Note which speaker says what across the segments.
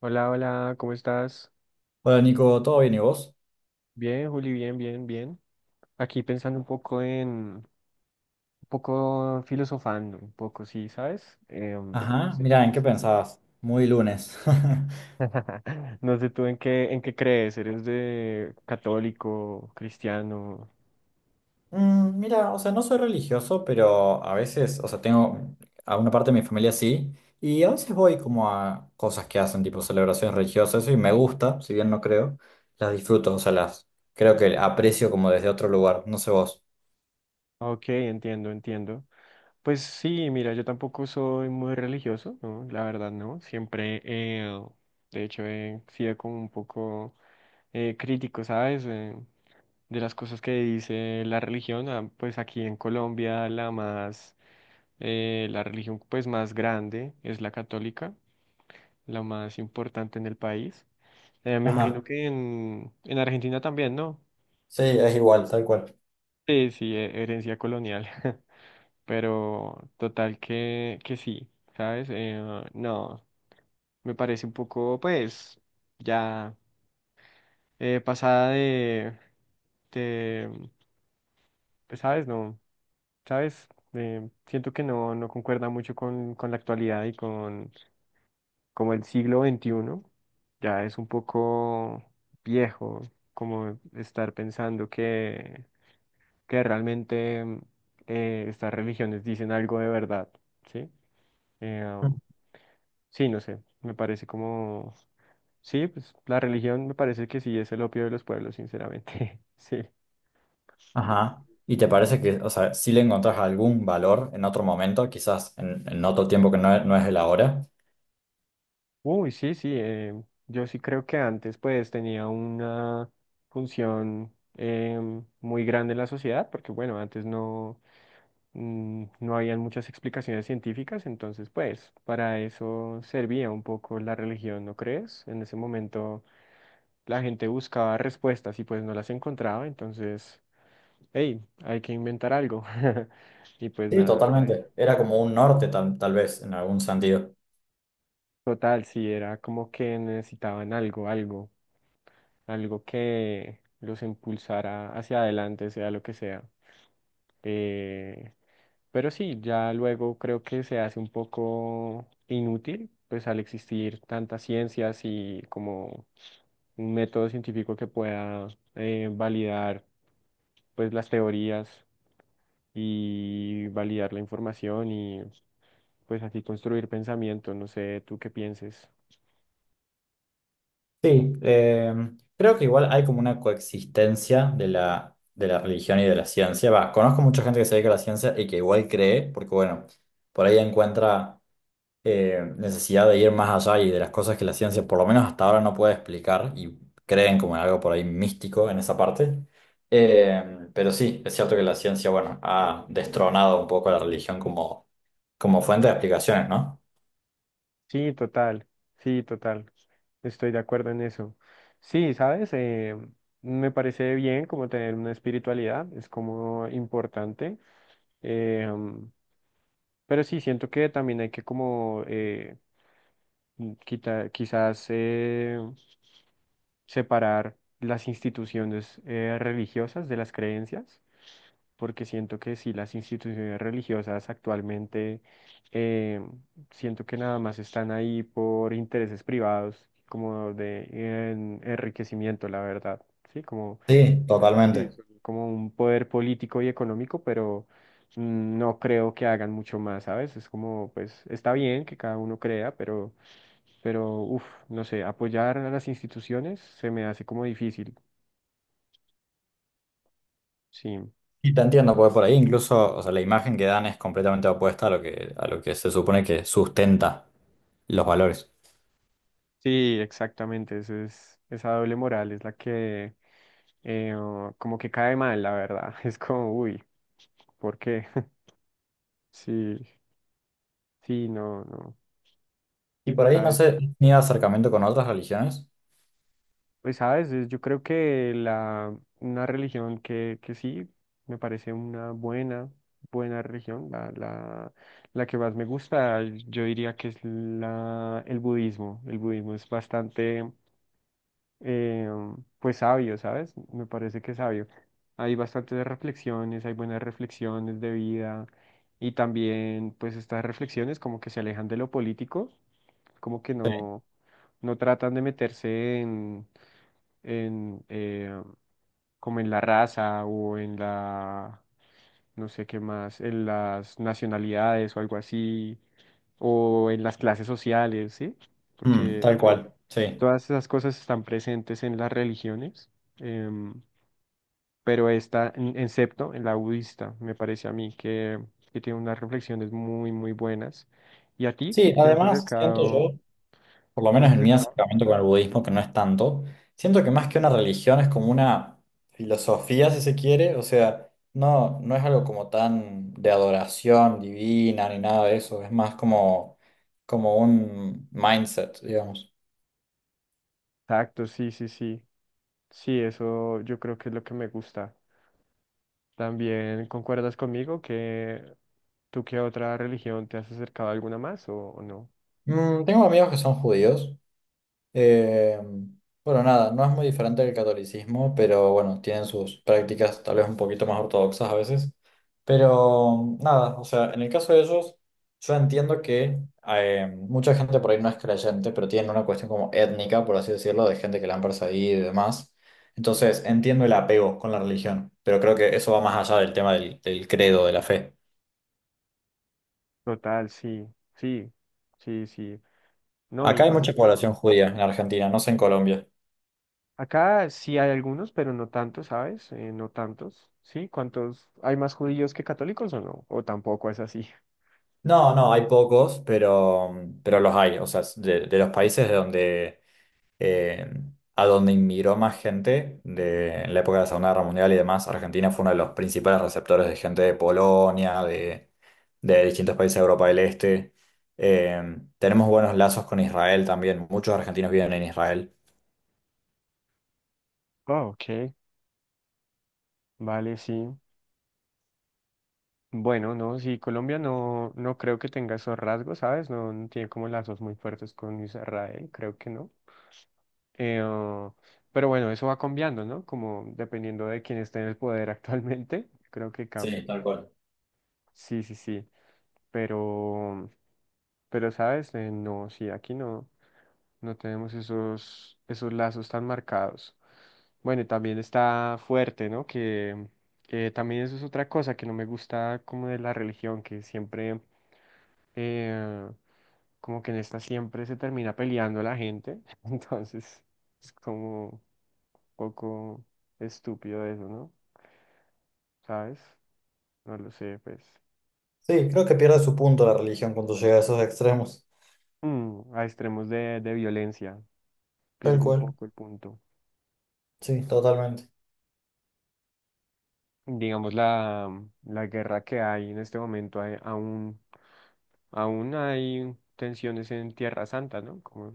Speaker 1: Hola, hola, ¿cómo estás?
Speaker 2: Hola Nico, ¿todo bien y vos?
Speaker 1: Bien, Juli, bien, bien, bien. Aquí pensando un poco un poco filosofando, un poco, sí, ¿sabes? No
Speaker 2: Ajá,
Speaker 1: sé tú.
Speaker 2: mira, ¿en qué pensabas? Muy lunes.
Speaker 1: No sé tú en qué, crees. ¿Eres de católico, cristiano?
Speaker 2: Mira, o sea, no soy religioso, pero a veces, o sea, tengo a una parte de mi familia sí, y a veces voy como a cosas que hacen, tipo celebraciones religiosas, y me gusta, si bien no creo, las disfruto, o sea, las creo que aprecio como desde otro lugar, no sé vos.
Speaker 1: Ok, entiendo, entiendo. Pues sí, mira, yo tampoco soy muy religioso, ¿no? La verdad, no. Siempre, de hecho, he sido como un poco crítico, ¿sabes? De las cosas que dice la religión, ah, pues aquí en Colombia la religión pues más grande es la católica, la más importante en el país. Me
Speaker 2: Ajá,
Speaker 1: imagino que en Argentina también, ¿no?
Speaker 2: sí, es igual, tal cual.
Speaker 1: Sí, sí, herencia colonial. Pero total que sí, ¿sabes? No, me parece un poco, pues, ya pasada de, de, pues, ¿sabes? No. ¿Sabes? Siento que no concuerda mucho con, la actualidad y con como el siglo XXI. Ya es un poco viejo como estar pensando que realmente estas religiones dicen algo de verdad, ¿sí? Eh,
Speaker 2: Mm.
Speaker 1: um, sí, no sé, me parece como. Sí, pues la religión me parece que sí es el opio de los pueblos, sinceramente. Sí.
Speaker 2: Ajá. ¿Y te parece que, o sea, si le encontrás algún valor en otro momento, quizás en otro tiempo que no, no es el ahora?
Speaker 1: Uy, sí, sí, yo sí creo que antes pues tenía una función muy grande en la sociedad, porque bueno, antes no, no habían muchas explicaciones científicas, entonces pues para eso servía un poco la religión, ¿no crees? En ese momento la gente buscaba respuestas y pues no las encontraba, entonces, hey, hay que inventar algo. Y pues
Speaker 2: Sí,
Speaker 1: nada, ya,
Speaker 2: totalmente. Era como un norte tal vez, en algún sentido.
Speaker 1: total, sí, era como que necesitaban algo, algo, algo que los impulsara hacia adelante, sea lo que sea. Eh, pero sí, ya luego creo que se hace un poco inútil, pues al existir tantas ciencias y como un método científico que pueda validar pues las teorías y validar la información y pues así construir pensamiento, no sé, tú qué pienses.
Speaker 2: Sí, creo que igual hay como una coexistencia de de la religión y de la ciencia. Va, conozco mucha gente que se dedica a la ciencia y que igual cree, porque bueno, por ahí encuentra necesidad de ir más allá y de las cosas que la ciencia por lo menos hasta ahora no puede explicar y creen como en algo por ahí místico en esa parte. Pero sí, es cierto que la ciencia, bueno, ha destronado un poco a la religión como fuente de explicaciones, ¿no?
Speaker 1: Sí, total, sí, total. Estoy de acuerdo en eso. Sí, sabes, me parece bien como tener una espiritualidad, es como importante, eh, um, pero sí, siento que también hay que como quizás separar las instituciones religiosas de las creencias, porque siento que sí, las instituciones religiosas actualmente, eh, siento que nada más están ahí por intereses privados, como de enriquecimiento, la verdad, ¿sí? Como,
Speaker 2: Sí,
Speaker 1: sí,
Speaker 2: totalmente.
Speaker 1: como un poder político y económico, pero no creo que hagan mucho más, ¿sabes? Es como, pues, está bien que cada uno crea, pero, uff, no sé, apoyar a las instituciones se me hace como difícil, sí.
Speaker 2: Y te entiendo, porque por ahí incluso, o sea, la imagen que dan es completamente opuesta a a lo que se supone que sustenta los valores.
Speaker 1: Sí, exactamente, esa doble moral es la que o como que cae mal, la verdad. Es como, uy, ¿por qué? Sí, sí, no, no.
Speaker 2: Y por ahí no
Speaker 1: ¿Sabes?
Speaker 2: sé, ni acercamiento con otras religiones.
Speaker 1: Pues sabes, yo creo que una religión que sí me parece una buena, buena religión, la que más me gusta, yo diría que es el budismo. El budismo es bastante eh, pues sabio, ¿sabes? Me parece que es sabio. Hay bastantes reflexiones, hay buenas reflexiones de vida, y también pues estas reflexiones como que se alejan de lo político, como que
Speaker 2: Sí.
Speaker 1: no, no tratan de meterse en, en eh, como en la raza o no sé qué más, en las nacionalidades o algo así, o en las clases sociales, ¿sí?
Speaker 2: Mm,
Speaker 1: Porque
Speaker 2: tal cual, sí.
Speaker 1: todas esas cosas están presentes en las religiones, em, pero excepto en la budista, me parece a mí que, tiene unas reflexiones muy, muy buenas. ¿Y a ti?
Speaker 2: Sí,
Speaker 1: ¿Te has
Speaker 2: además siento
Speaker 1: acercado?
Speaker 2: yo por lo
Speaker 1: ¿Te has
Speaker 2: menos en mi
Speaker 1: acercado?
Speaker 2: acercamiento con el budismo, que no es tanto, siento que más que una religión es como una filosofía, si se quiere, o sea, no es algo como tan de adoración divina ni nada de eso, es más como un mindset, digamos.
Speaker 1: Exacto, sí, sí, sí. Sí, eso yo creo que es lo que me gusta. ¿También concuerdas conmigo que tú qué otra religión te has acercado a alguna más o no?
Speaker 2: Mm, tengo amigos que son judíos. Eh, bueno, nada, no es muy diferente del catolicismo, pero bueno, tienen sus prácticas tal vez un poquito más ortodoxas a veces. Pero nada, o sea, en el caso de ellos, yo entiendo que mucha gente por ahí no es creyente, pero tienen una cuestión como étnica, por así decirlo, de gente que la han perseguido y demás. Entonces, entiendo el apego con la religión, pero creo que eso va más allá del tema del credo, de la fe.
Speaker 1: Total, sí, sí, sí, sí. No,
Speaker 2: Acá
Speaker 1: y
Speaker 2: hay
Speaker 1: más
Speaker 2: mucha
Speaker 1: que todo.
Speaker 2: población judía en Argentina, no sé en Colombia.
Speaker 1: Acá sí hay algunos, pero no tantos, ¿sabes? No tantos. ¿Sí? ¿Cuántos? ¿Hay más judíos que católicos o no? O tampoco es así.
Speaker 2: No, hay pocos, pero los hay. O sea, de los países de donde, eh, a donde inmigró más gente de, en la época de la Segunda Guerra Mundial y demás, Argentina fue uno de los principales receptores de gente de Polonia, de distintos países de Europa del Este. Tenemos buenos lazos con Israel también. Muchos argentinos viven en Israel.
Speaker 1: Ah, ok. Vale, sí. Bueno, no, sí, Colombia no, no creo que tenga esos rasgos, ¿sabes? No, no tiene como lazos muy fuertes con Israel, creo que no. Eh, ah, pero bueno, eso va cambiando, ¿no? Como dependiendo de quién esté en el poder actualmente, creo que cambia.
Speaker 2: Sí, tal cual.
Speaker 1: Sí, sí, sí. Pero, pero, ¿sabes? No, sí, aquí no. No tenemos esos lazos tan marcados. Bueno, y también está fuerte, ¿no? Que también eso es otra cosa que no me gusta como de la religión, que siempre, eh, como que en esta siempre se termina peleando la gente. Entonces, es como un poco estúpido eso, ¿no? ¿Sabes? No lo sé, pues.
Speaker 2: Sí, creo que pierde su punto la religión cuando llega a esos extremos.
Speaker 1: A extremos de violencia,
Speaker 2: Tal
Speaker 1: pierde un
Speaker 2: cual.
Speaker 1: poco el punto.
Speaker 2: Sí, totalmente.
Speaker 1: Digamos, la guerra que hay en este momento, hay aún aún hay tensiones en Tierra Santa, ¿no? Como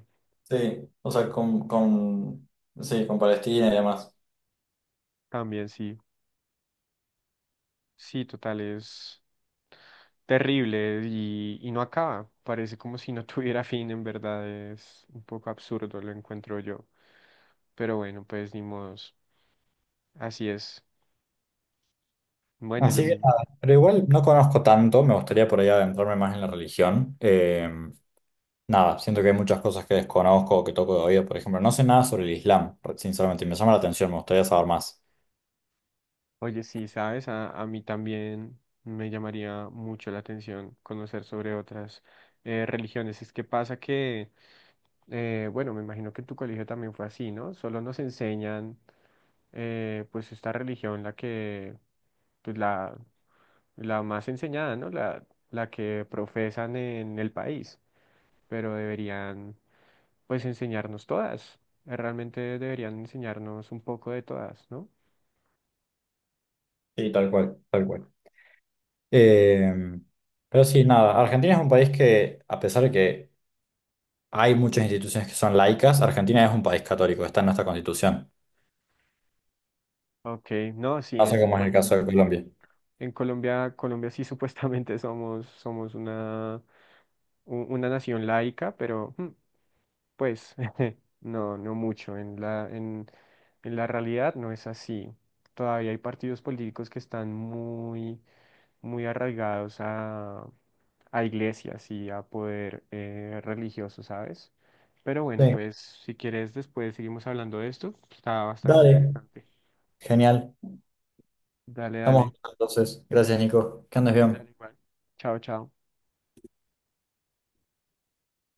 Speaker 2: Sí, o sea, sí, con Palestina y demás.
Speaker 1: también sí. Sí, total, es terrible y no acaba. Parece como si no tuviera fin, en verdad es un poco absurdo, lo encuentro yo. Pero bueno, pues ni modos. Así es. Bueno, y lo
Speaker 2: Así que
Speaker 1: mismo.
Speaker 2: nada, pero igual no conozco tanto, me gustaría por ahí adentrarme más en la religión. Nada, siento que hay muchas cosas que desconozco o que toco de oído, por ejemplo, no sé nada sobre el Islam, sinceramente, y me llama la atención, me gustaría saber más.
Speaker 1: Oye, sí, sabes, a mí también me llamaría mucho la atención conocer sobre otras religiones. Es que pasa que, bueno, me imagino que en tu colegio también fue así, ¿no? Solo nos enseñan pues esta religión, pues la más enseñada, ¿no? La que profesan en el país, pero deberían, pues, enseñarnos todas. Realmente deberían enseñarnos un poco de todas, ¿no?
Speaker 2: Sí, tal cual, tal cual. Eh, pero sí, nada, Argentina es un país que, a pesar de que hay muchas instituciones que son laicas, Argentina es un país católico, está en nuestra constitución.
Speaker 1: Ok, no, sí,
Speaker 2: No sé cómo es el
Speaker 1: bueno,
Speaker 2: caso de Colombia.
Speaker 1: en Colombia, sí supuestamente somos, una, una nación laica, pero, pues no, no mucho. En la realidad no es así. Todavía hay partidos políticos que están muy, muy arraigados a iglesias y a poder religioso, ¿sabes? Pero
Speaker 2: Sí,
Speaker 1: bueno, pues si quieres después seguimos hablando de esto. Está bastante
Speaker 2: dale.
Speaker 1: interesante.
Speaker 2: Genial.
Speaker 1: Dale,
Speaker 2: Estamos
Speaker 1: dale.
Speaker 2: hablando entonces. Gracias, Nico. Que andes bien.
Speaker 1: Dale igual. Chao, chao.